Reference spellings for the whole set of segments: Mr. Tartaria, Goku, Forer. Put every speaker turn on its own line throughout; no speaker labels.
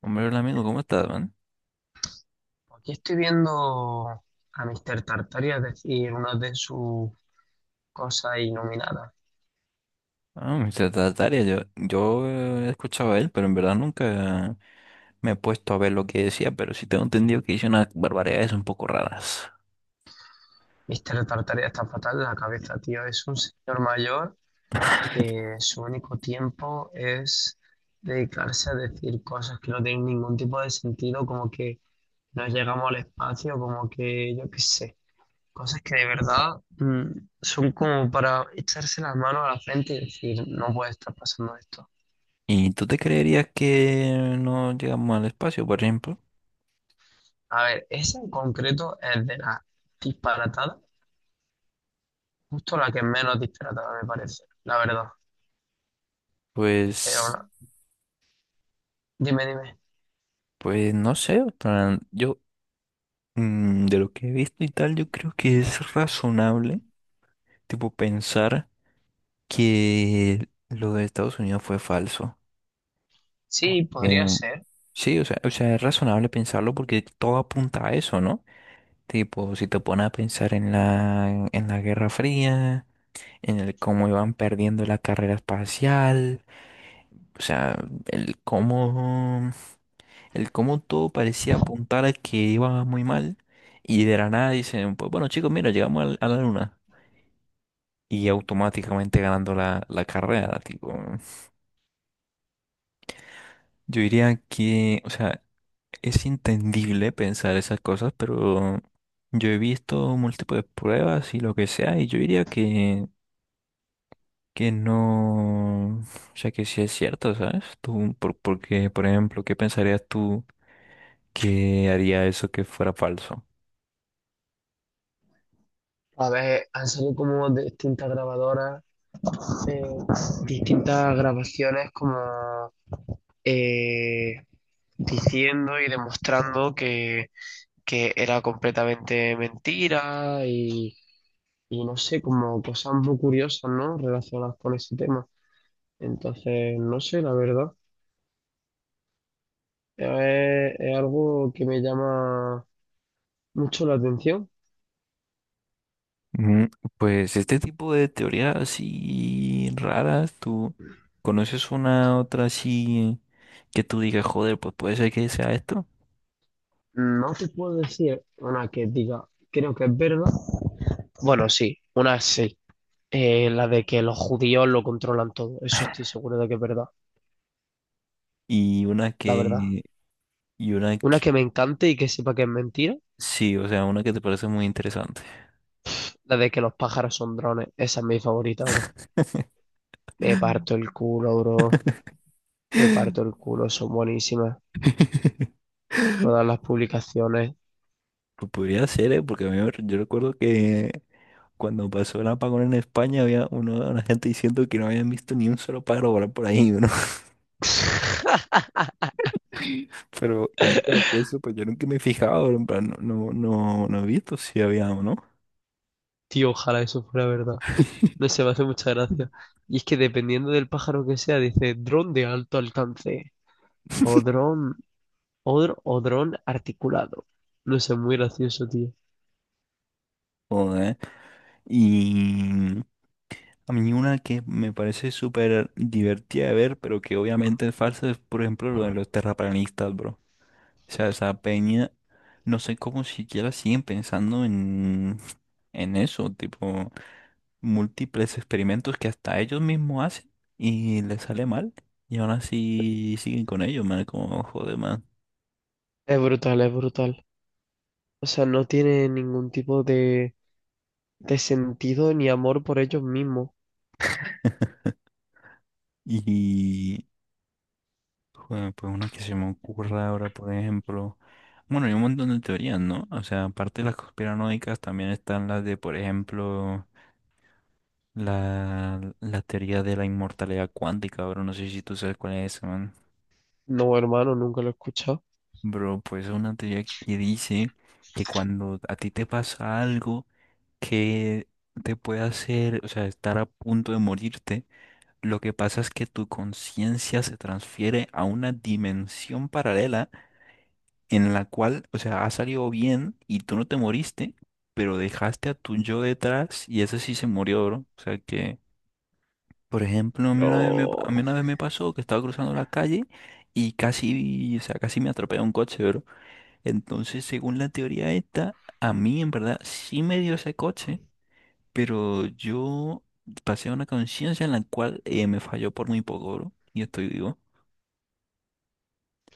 Hombre, hola amigo, ¿cómo estás, man?
Aquí estoy viendo a Mr. Tartaria decir una de sus cosas iluminadas.
Ah, Mr. Tartaria, yo he escuchado a él, pero en verdad nunca me he puesto a ver lo que decía, pero sí tengo entendido que dice unas barbaridades un poco raras.
Mr. Tartaria está fatal de la cabeza, tío. Es un señor mayor que su único tiempo es dedicarse a decir cosas que no tienen ningún tipo de sentido, como que no llegamos al espacio, como que yo qué sé. Cosas que de verdad, son como para echarse las manos a la frente y decir, no puede estar pasando esto.
¿Y tú te creerías que no llegamos al espacio, por ejemplo?
A ver, esa en concreto es de las disparatadas, justo la que menos disparatada me parece, la verdad. Pero
Pues,
ahora, dime.
pues no sé, o sea, yo de lo que he visto y tal, yo creo que es razonable, tipo, pensar que lo de Estados Unidos fue falso.
Sí, podría
Porque
ser.
sí, o sea, es razonable pensarlo porque todo apunta a eso, ¿no? Tipo, si te pones a pensar en en la Guerra Fría, en el cómo iban perdiendo la carrera espacial, o sea, el cómo, el cómo todo parecía apuntar a que iba muy mal y de la nada dicen, pues bueno chicos, mira, a la luna y automáticamente ganando la carrera, tipo, yo diría que, o sea, es entendible pensar esas cosas, pero yo he visto múltiples pruebas y lo que sea, y yo diría que no, o sea, que sí es cierto, ¿sabes? Tú, porque, por ejemplo, ¿qué pensarías tú que haría eso que fuera falso?
A ver, han salido como de distintas grabadoras, eh, distintas grabaciones como, eh, diciendo y demostrando que era completamente mentira y no sé, como cosas muy curiosas, ¿no? Relacionadas con ese tema. Entonces, no sé, la verdad. Es algo que me llama mucho la atención.
Mm, Pues este tipo de teorías así raras, ¿tú conoces una otra así que tú digas, joder, pues puede ser que sea esto,
No te puedo decir una que diga, creo que es verdad. Bueno, sí, una sí. La de que los judíos lo controlan todo. Eso estoy seguro de que es verdad,
y una
la verdad.
que, y una
Una que
que...
me encante y que sepa que es mentira,
Sí, o sea, una que te parece muy interesante.
la de que los pájaros son drones. Esa es mi favorita, bro. Me parto el culo, bro. Me parto el culo, son buenísimas. Todas las publicaciones.
Pues podría ser, ¿eh? Porque a mí, yo recuerdo que cuando pasó el apagón en España había una gente diciendo que no habían visto ni un solo pájaro volar por ahí, ¿no? Pero y ahora que lo pienso, pues yo nunca me he fijado, en plan, no he visto si había o no.
Tío, ojalá eso fuera verdad. No sé, me hace mucha
Mm.
gracia. Y es que dependiendo del pájaro que sea, dice dron de alto alcance o dron o, o dron articulado. No sé, muy gracioso, tío.
Joder. Y a mí una que me parece súper divertida de ver, pero que obviamente es falsa, es por ejemplo lo de los terraplanistas, bro. O sea, esa peña, no sé cómo siquiera siguen pensando en eso, tipo, múltiples experimentos que hasta ellos mismos hacen y les sale mal. Y aún así siguen con ellos, man, como joder, man.
Es brutal, es brutal. O sea, no tiene ningún tipo de sentido ni amor por ellos mismos.
Y, joder, pues una que se me ocurra ahora, por ejemplo. Bueno, hay un montón de teorías, ¿no? O sea, aparte de las conspiranoicas, también están las de, por ejemplo, la teoría de la inmortalidad cuántica. Ahora no sé si tú sabes cuál es esa, man.
No, hermano, nunca lo he escuchado.
Bro, pues es una teoría que dice que cuando a ti te pasa algo que te puede hacer, o sea, estar a punto de morirte, lo que pasa es que tu conciencia se transfiere a una dimensión paralela en la cual, o sea, ha salido bien y tú no te moriste, pero dejaste a tu yo detrás y ese sí se murió, bro. O sea que, por ejemplo, a
Pero,
mí una vez me pasó que estaba cruzando la calle y casi, o sea, casi me atropelló un coche, bro. Entonces, según la teoría esta, a mí en verdad sí me dio ese coche, pero yo pasé una conciencia en la cual me falló por muy poco, bro, y estoy vivo,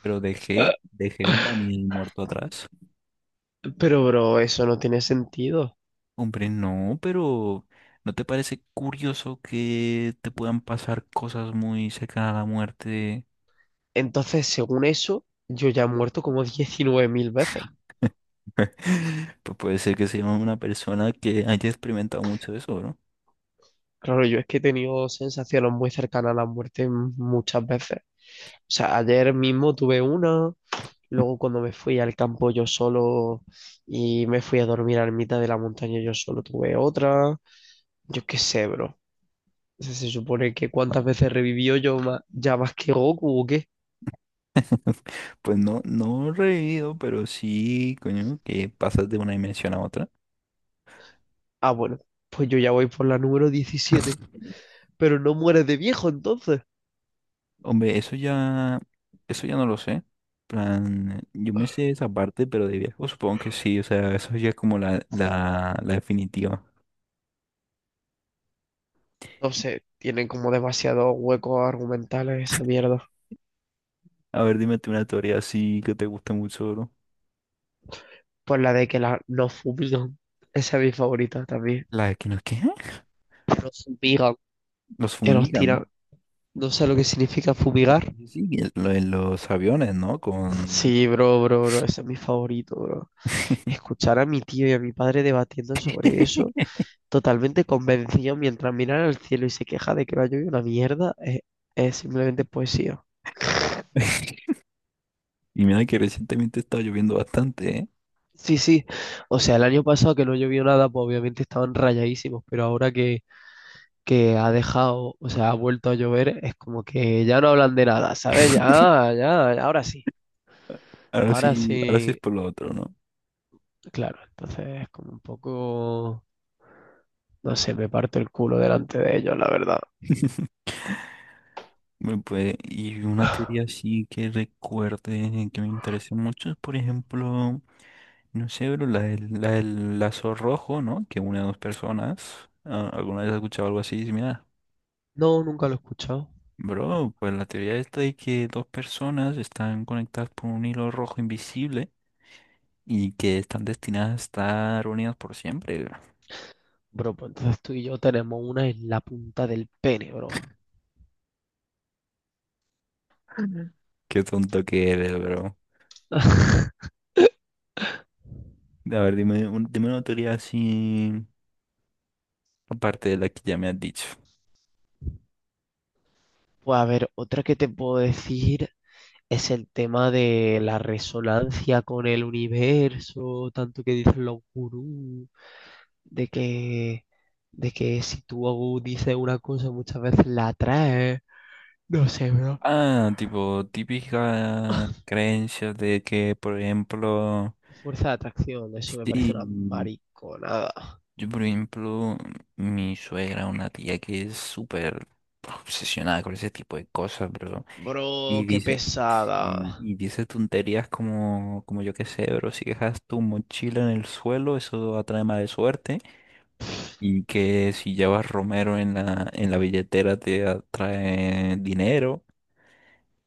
pero
eh,
dejé un Daniel muerto atrás.
pero, bro, eso no tiene sentido.
Hombre, no, pero ¿no te parece curioso que te puedan pasar cosas muy cercanas a la muerte?
Entonces, según eso, yo ya he muerto como 19.000 veces.
Pues puede ser que sea una persona que haya experimentado mucho eso.
Claro, yo es que he tenido sensaciones muy cercanas a la muerte muchas veces. O sea, ayer mismo tuve una, luego cuando me fui al campo yo solo y me fui a dormir a la mitad de la montaña yo solo tuve otra. Yo qué sé, bro. O sea, se supone que cuántas veces revivió yo ya más que Goku o qué.
Pues no, no revivido, pero sí, coño, que pasas de una dimensión a otra.
Ah, bueno, pues yo ya voy por la número 17. Pero no mueres de viejo entonces.
Hombre, eso ya no lo sé. Plan, yo me sé esa parte, pero de viejo supongo que sí, o sea, eso ya es como la definitiva.
No sé, tienen como demasiados huecos argumentales esa mierda.
A ver, dime tú una teoría así que te guste mucho, bro.
Pues la de que la, nos fumigan. Esa es mi favorita también.
La de que no, ¿qué?
Que nos fumigan,
Los
que nos
fumigan.
tiran. No sé lo que significa fumigar.
Sí, sí, lo de los aviones, ¿no? Con...
Sí, bro, bro, bro. Ese es mi favorito, bro. Escuchar a mi tío y a mi padre debatiendo sobre eso, totalmente convencido mientras miran al cielo y se queja de que no llovido una mierda, es simplemente poesía.
Y mira que recientemente estaba lloviendo bastante, ¿eh?
Sí, sí. O sea, el año pasado que no llovió nada, pues obviamente estaban rayadísimos, pero ahora que ha dejado, o sea, ha vuelto a llover, es como que ya no hablan de nada, ¿sabes? Ya, ya, ahora
Ahora sí es
sí,
por lo otro, ¿no?
claro, entonces es como un poco, no sé, me parto el culo delante de ellos, la verdad.
Bueno, pues, y una teoría así que recuerde que me interese mucho es, por ejemplo, no sé, bro, la la del lazo rojo, ¿no? Que une a dos personas. Ah, ¿alguna vez has escuchado algo así similar?
No, nunca lo he escuchado.
Bro, pues la teoría esta de que dos personas están conectadas por un hilo rojo invisible y que están destinadas a estar unidas por siempre, bro.
Bro, pues entonces tú y yo tenemos una en la punta del pene, bro.
Ujú. Qué tonto que eres, bro. A ver, dime, dime una teoría así aparte de la que ya me has dicho.
Pues a ver, otra que te puedo decir. Es el tema de la resonancia con el universo, tanto que dicen los gurús, de que si tú dices una cosa muchas veces la atraes, no sé, bro.
Ah, tipo, típica creencia de que, por ejemplo,
Fuerza de atracción, eso me parece una
sí,
mariconada.
yo, por ejemplo, mi suegra, una tía que es súper obsesionada con ese tipo de cosas, bro, y
Bro, qué
dice, sí,
pesada.
y dice tonterías como, como yo qué sé, bro, si dejas tu mochila en el suelo, eso atrae mala suerte, y que si llevas romero en en la billetera te atrae dinero.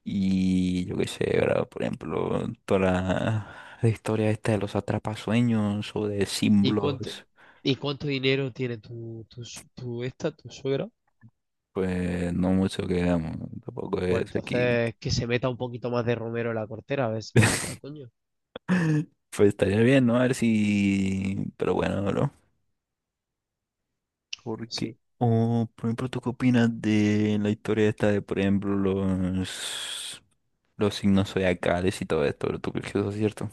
Y yo qué sé, ¿verdad? Por ejemplo, toda la historia esta de los atrapasueños o de
¿Y cuánto,
símbolos,
y cuánto dinero tiene tu, tu, su- tu esta, tu suegra?
pues no mucho que veamos, tampoco
Pues
es aquí.
entonces que se meta un poquito más de Romero en la cortera, a ver si entra, coño.
Pues estaría bien, ¿no? A ver si... Pero bueno, bro. Porque...
Sí.
O, por ejemplo, ¿tú qué opinas de la historia esta de, por ejemplo, los signos zodiacales y todo esto, bro? ¿Tú crees que eso es cierto?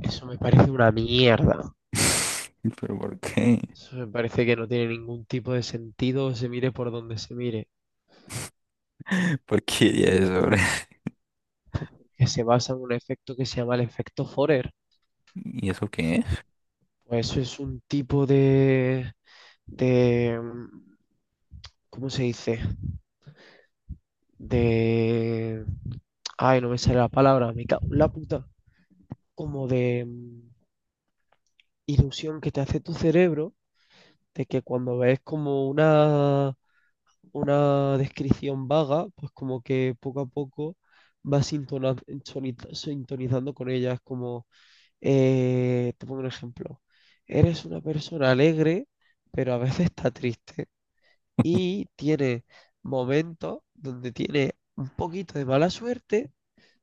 Eso me parece una mierda.
¿Pero por qué?
Eso me parece que no tiene ningún tipo de sentido, se mire por donde se mire.
¿Por qué diría eso, bro?
Que se basa en un efecto que se llama el efecto Forer.
¿Y eso qué es?
Pues eso es un tipo de, ¿cómo se dice? De, ay, no me sale la palabra, me cago en la puta. Como de ilusión que te hace tu cerebro de que cuando ves como una descripción vaga, pues como que poco a poco vas sintonizando con ella. Es como, te pongo un ejemplo, eres una persona alegre, pero a veces está triste y tiene momentos donde tiene un poquito de mala suerte,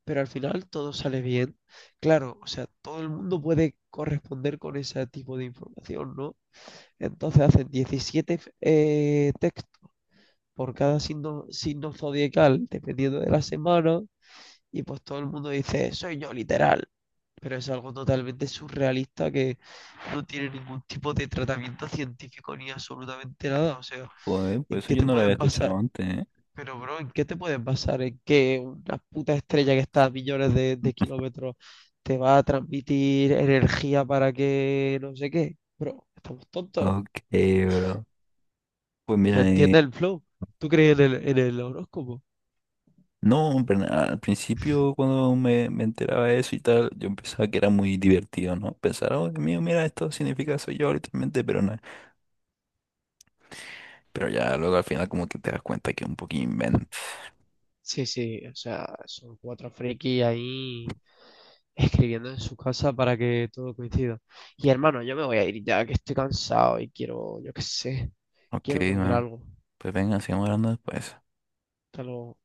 pero al final todo sale bien. Claro, o sea, todo el mundo puede corresponder con ese tipo de información, ¿no? Entonces hacen 17 textos por cada signo zodiacal, dependiendo de la semana, y pues todo el mundo dice, soy yo, literal. Pero es algo totalmente surrealista que no tiene ningún tipo de tratamiento científico ni absolutamente nada. O sea,
Joder,
¿en
pues eso
qué
yo
te
no lo había
puedes basar?
escuchado antes, ¿eh?
Pero, bro, ¿en qué te puedes basar? ¿En que una puta estrella que está a millones de kilómetros te va a transmitir energía para que no sé qué? Bro, estamos tontos.
Ok, bro. Pues
O sea,
mira,
entiende el flow. ¿Tú crees en el horóscopo?
no, en plan, al principio cuando me enteraba de eso y tal, yo pensaba que era muy divertido, ¿no? Pensar, oh, Dios mío, mira, esto significa soy yo literalmente, pero no. Pero ya luego al final como que te das cuenta que es un poquito invento.
Sí, sí, o sea, son cuatro frikis ahí escribiendo en su casa para que todo coincida. Y hermano, yo me voy a ir ya que estoy cansado y quiero, yo qué sé,
Ok,
quiero comer
man.
algo.
Pues venga, sigamos hablando después.
Hasta luego.